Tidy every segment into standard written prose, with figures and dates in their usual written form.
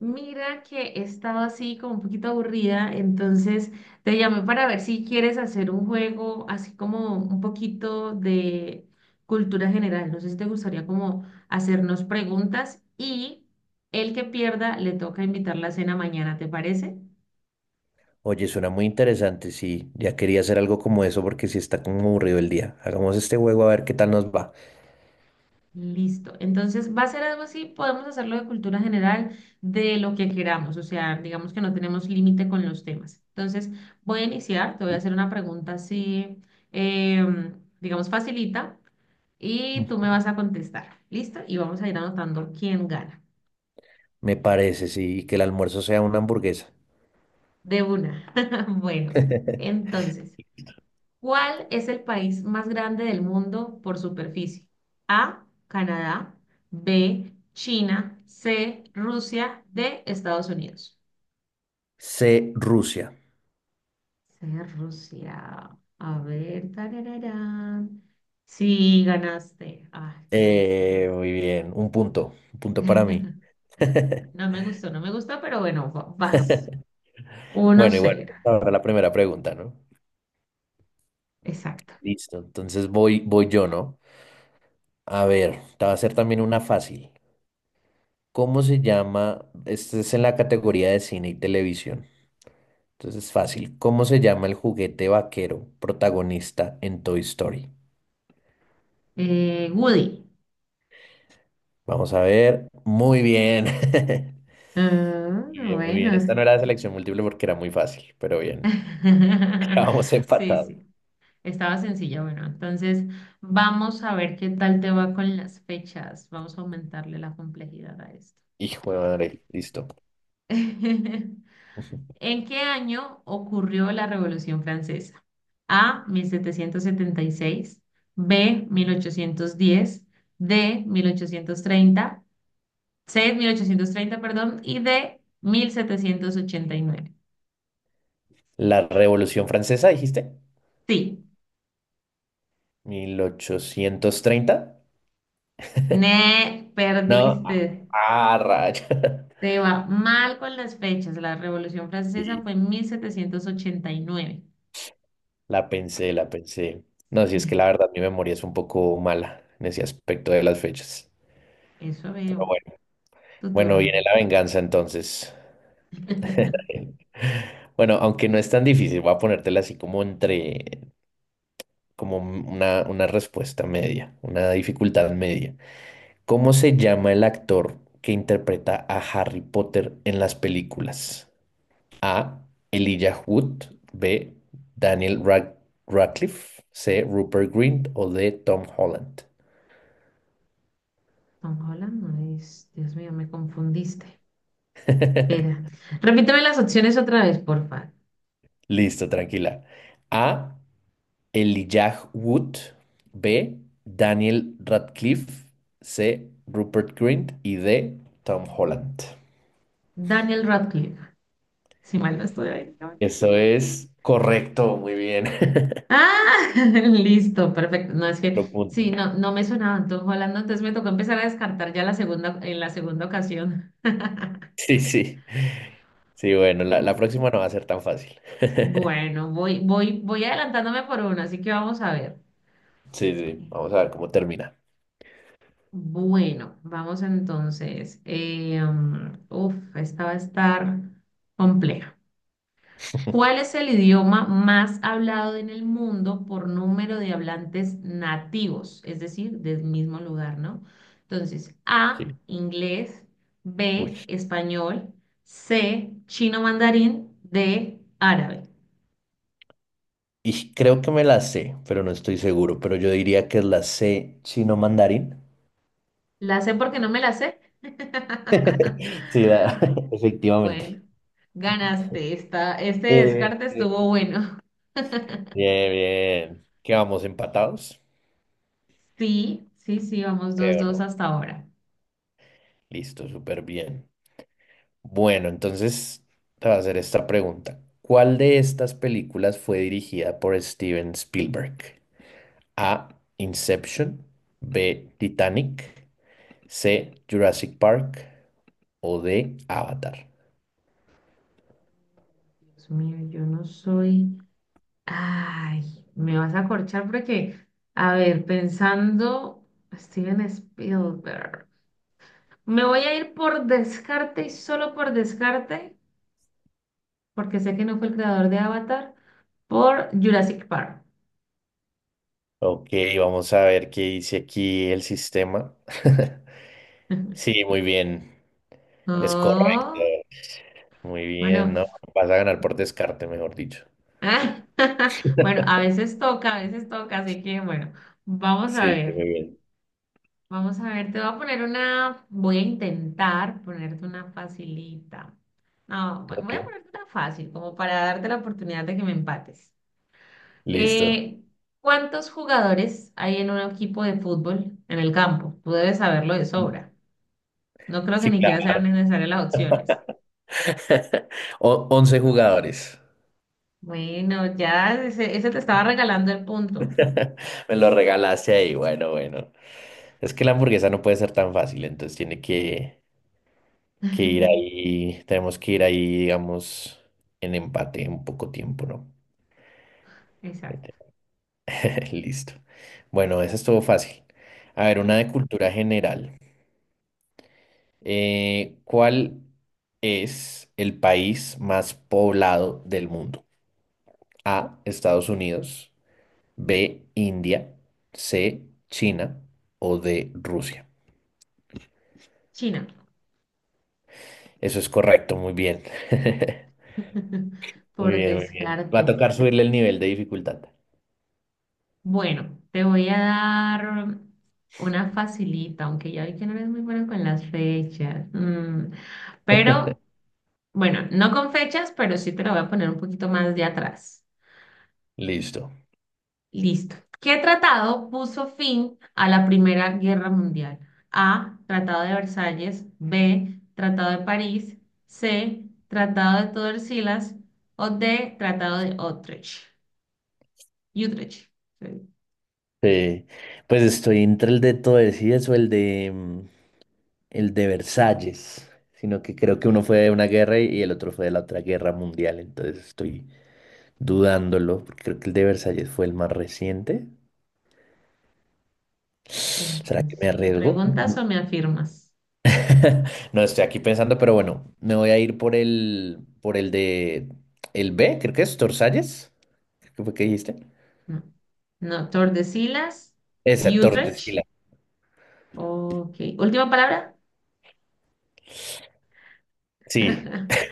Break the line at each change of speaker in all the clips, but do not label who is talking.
Mira que he estado así como un poquito aburrida, entonces te llamé para ver si quieres hacer un juego así como un poquito de cultura general. No sé si te gustaría como hacernos preguntas y el que pierda le toca invitar la cena mañana, ¿te parece?
Oye, suena muy interesante, sí. Ya quería hacer algo como eso porque sí está como aburrido el día. Hagamos este juego a ver qué tal nos va.
Listo. Entonces va a ser algo así, podemos hacerlo de cultura general, de lo que queramos, o sea, digamos que no tenemos límite con los temas. Entonces voy a iniciar, te voy a hacer una pregunta así, em, digamos, facilita, y
Mm,
tú me vas a contestar. ¿Listo? Y vamos a ir anotando quién gana.
me parece, sí, y que el almuerzo sea una hamburguesa.
De una. Bueno, entonces, ¿cuál es el país más grande del mundo por superficie? A, Canadá, B, China, C, Rusia, D, Estados Unidos.
C, Rusia.
C, Rusia. A ver, tarararán. Sí, ganaste. Ay, qué triste.
Muy bien, un punto para mí.
No me gustó, no me gustó, pero bueno, vas. Uno
Bueno, igual
cero,
ahora la primera pregunta, ¿no?
exacto.
Listo, entonces voy yo, ¿no? A ver, te va a hacer también una fácil. ¿Cómo se llama? Este es en la categoría de cine y televisión. Entonces, fácil. ¿Cómo se llama el juguete vaquero protagonista en Toy Story?
Woody.
Vamos a ver. Muy bien.
Ah,
Muy bien, muy bien. Esta
bueno.
no era de selección múltiple porque era muy fácil, pero bien. Vamos
Sí,
empatados.
sí. Estaba sencilla, bueno, entonces vamos a ver qué tal te va con las fechas. Vamos a aumentarle la complejidad a esto.
Hijo de madre, listo.
¿En qué año ocurrió la Revolución Francesa? A, 1776, B, 1810, D, 1830, C, 1830, perdón, y D, 1789.
La Revolución Francesa, dijiste.
Sí,
1830.
ne,
No. Ah,
perdiste.
ah, raya.
Te va mal con las fechas. La Revolución Francesa
Sí,
fue en 1789.
la pensé, la pensé. No, si es que la verdad mi memoria es un poco mala en ese aspecto de las fechas.
Eso
Pero
veo.
bueno,
Tu
bueno,
turno.
viene la venganza entonces. Bueno, aunque no es tan difícil, voy a ponértela así como entre, como una respuesta media, una dificultad media. ¿Cómo se llama el actor que interpreta a Harry Potter en las películas? A, Elijah Wood. B, Daniel Rad- Radcliffe. C, Rupert Grint o D, Tom Holland.
Estamos hablando de... Dios mío, me confundiste. Espera. Repíteme las opciones otra vez, porfa.
Listo, tranquila. A, Elijah Wood, B, Daniel Radcliffe, C, Rupert Grint y D, Tom Holland.
Daniel Radcliffe. Si mal no estoy ahí, no,
Eso
sí.
es correcto, muy bien.
Ah, listo, perfecto. No, es que
Lo
sí,
punto.
no, no me sonaba Tom Holland, entonces me tocó empezar a descartar ya la segunda, en la segunda ocasión.
Sí, sí. Sí, bueno, la próxima no va a ser tan fácil.
Bueno, voy adelantándome por una, así que vamos a ver.
Sí, sí, vamos a ver cómo termina.
Bueno, vamos entonces. Uf, esta va a estar compleja. ¿Cuál es el idioma más hablado en el mundo por número de hablantes nativos? Es decir, del mismo lugar, ¿no? Entonces, A,
Sí.
inglés,
Uy.
B, español, C, chino mandarín, D, árabe.
Y creo que me la sé, pero no estoy seguro, pero yo diría que es la C chino mandarín.
La sé porque no me la sé.
Sí, la- efectivamente.
Bueno, ganaste esta, este
Eh,
descarte estuvo
eh,
bueno.
Bien, bien. ¿Qué vamos empatados?
Sí, sí, sí, vamos dos,
Creo
dos
no.
hasta ahora.
Listo, súper bien. Bueno, entonces te voy a hacer esta pregunta. ¿Cuál de estas películas fue dirigida por Steven Spielberg? A, Inception. B, Titanic. C, Jurassic Park. O D, Avatar.
Dios mío, yo no soy. Ay, me vas a corchar porque, a ver, pensando, Steven Spielberg. Me voy a ir por descarte y solo por descarte, porque sé que no fue el creador de Avatar, por Jurassic Park.
Ok, vamos a ver qué dice aquí el sistema. Sí, muy bien. Es correcto.
Oh,
Muy bien,
bueno,
¿no? Vas a ganar por descarte, mejor dicho.
ah, bueno, a veces toca, así que bueno, vamos a
Sí, sí,
ver,
muy bien.
vamos a ver, te voy a poner una, voy a intentar ponerte una facilita. No, voy a
Ok,
ponerte una fácil, como para darte la oportunidad de que me empates.
listo.
Eh, ¿Cuántos jugadores hay en un equipo de fútbol en el campo? Tú debes saberlo de sobra. No creo que
Sí,
ni siquiera sean
claro.
necesarias las opciones.
O- 11 jugadores.
Bueno, ya ese te estaba regalando el punto.
Me lo regalaste ahí. Bueno, bueno. Es que la hamburguesa no puede ser tan fácil, entonces tiene que ir ahí. Tenemos que ir ahí, digamos, en empate en poco tiempo, ¿no?
Exacto.
Listo. Bueno, esa estuvo fácil. A ver,
Ok,
una de cultura general. ¿Cuál es el país más poblado del mundo? A, Estados Unidos. B, India, C, China o D, Rusia.
China.
Eso es correcto, muy bien. Muy
Por
bien, muy bien. Va a
descarte.
tocar subirle el nivel de dificultad.
Bueno, te voy a dar una facilita, aunque ya vi que no eres muy buena con las fechas. Pero, bueno, no con fechas, pero sí te la voy a poner un poquito más de atrás.
Listo.
Listo. ¿Qué tratado puso fin a la Primera Guerra Mundial? A. Tratado de Versalles. B. Tratado de París. C. Tratado de Tordesillas. O D. Tratado de Utrecht. Utrecht.
Sí. Pues estoy entre el de Tordesillas o el de el de Versalles, sino que creo que uno fue de una guerra y el otro fue de la otra guerra mundial, entonces estoy dudándolo, porque creo que el de Versalles fue el más reciente. ¿Será que
Entonces,
me
¿me
arriesgo?
preguntas o me afirmas?
No estoy aquí pensando, pero bueno, me voy a ir por por el de el B, creo que es Torsalles. Creo que fue que dijiste.
No. No, Tordesillas
Esa,
y Utrecht.
Tordesillas.
Ok. Última palabra.
Sí.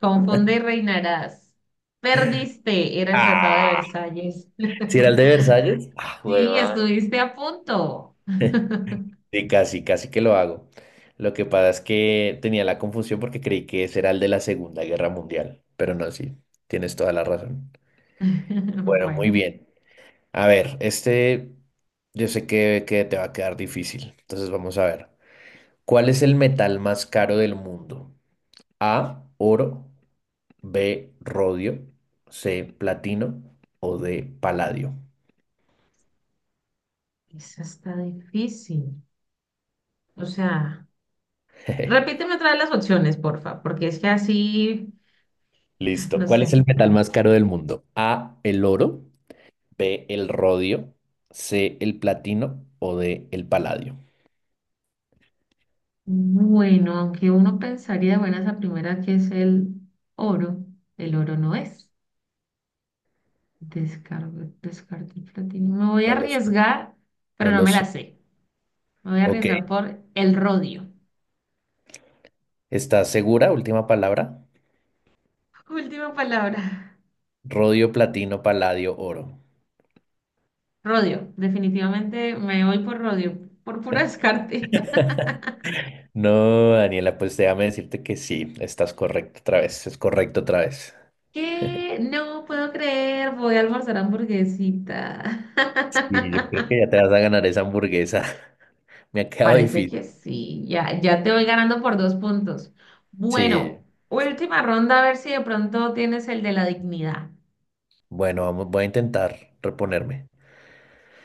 Confunde y reinarás. Perdiste. Era el Tratado de
Ah,
Versalles.
si era el de Versalles. Ah,
Sí,
huevón.
estuviste a punto.
Sí, casi, casi que lo hago. Lo que pasa es que tenía la confusión porque creí que ese era el de la Segunda Guerra Mundial. Pero no, sí, tienes toda la razón. Bueno,
Bueno,
muy bien. A ver, este yo sé que te va a quedar difícil. Entonces vamos a ver. ¿Cuál es el metal más caro del mundo? A, oro, B, rodio, C, platino o D, paladio.
eso está difícil. O sea, repíteme otra vez las opciones, porfa, porque es que así,
Listo.
no
¿Cuál es
sé.
el metal más caro del mundo? A, el oro, B, el rodio, C, el platino o D, el paladio.
Bueno, aunque uno pensaría, bueno, esa primera que es oro, el oro no es. Descargo, descarto el platino. Me voy a
No lo sé,
arriesgar, pero
no
no
lo
me la
sé.
sé. Me voy a
Ok,
arriesgar por el rodio.
¿estás segura? Última palabra.
Última palabra.
Rodio, platino, paladio, oro.
Rodio. Definitivamente me voy por rodio, por puro descarte.
No, Daniela, pues déjame decirte que sí, estás correcto otra vez, es correcto otra vez.
¿Qué? No puedo creer, voy a almorzar hamburguesita.
Y yo creo que ya te vas a ganar esa hamburguesa. Me ha quedado
Parece
difícil.
que sí, ya, ya te voy ganando por 2 puntos.
Sí,
Bueno, última ronda, a ver si de pronto tienes el de la dignidad.
bueno, vamos, voy a intentar reponerme.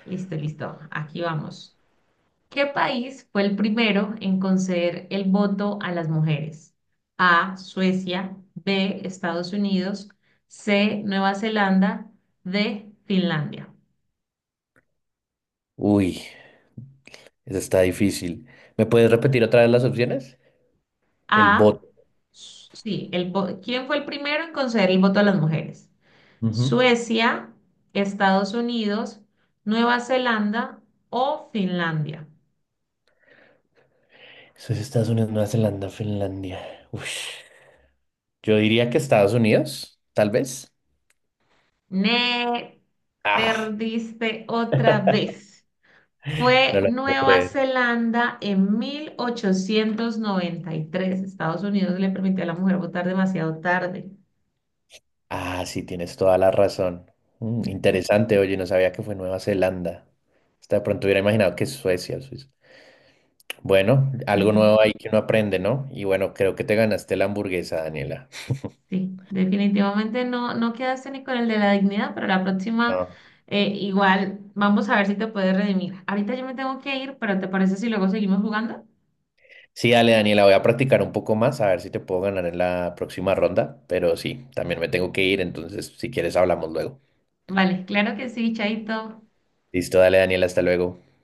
Listo, listo, aquí vamos. ¿Qué país fue el primero en conceder el voto a las mujeres? A, Suecia, B, Estados Unidos, C, Nueva Zelanda, D, Finlandia.
Uy, eso está difícil. ¿Me puedes repetir otra vez las opciones? El
A,
bot.
sí, el, ¿quién fue el primero en conceder el voto a las mujeres?
Ujú.
Suecia, Estados Unidos, Nueva Zelanda o Finlandia.
Eso es Estados Unidos, Nueva Zelanda, Finlandia. Uy, yo diría que Estados Unidos, tal vez.
Me
Ah,
perdiste otra vez.
no
Fue
lo puedo
Nueva
creer.
Zelanda en 1893. Estados Unidos le permitió a la mujer votar demasiado tarde.
Ah, sí, tienes toda la razón. Mm, interesante, oye, no sabía que fue Nueva Zelanda. Hasta de pronto hubiera imaginado que Suecia, Suiza. Bueno, algo nuevo ahí que uno aprende, ¿no? Y bueno, creo que te ganaste la hamburguesa, Daniela.
Sí, definitivamente no, no quedaste ni con el de la dignidad, pero la próxima
Ah.
igual vamos a ver si te puedes redimir. Ahorita yo me tengo que ir, pero ¿te parece si luego seguimos jugando?
Sí, dale, Daniela, voy a practicar un poco más, a ver si te puedo ganar en la próxima ronda, pero sí, también me tengo que ir, entonces si quieres hablamos luego.
Vale, claro que sí, Chaito.
Listo, dale, Daniela, hasta luego.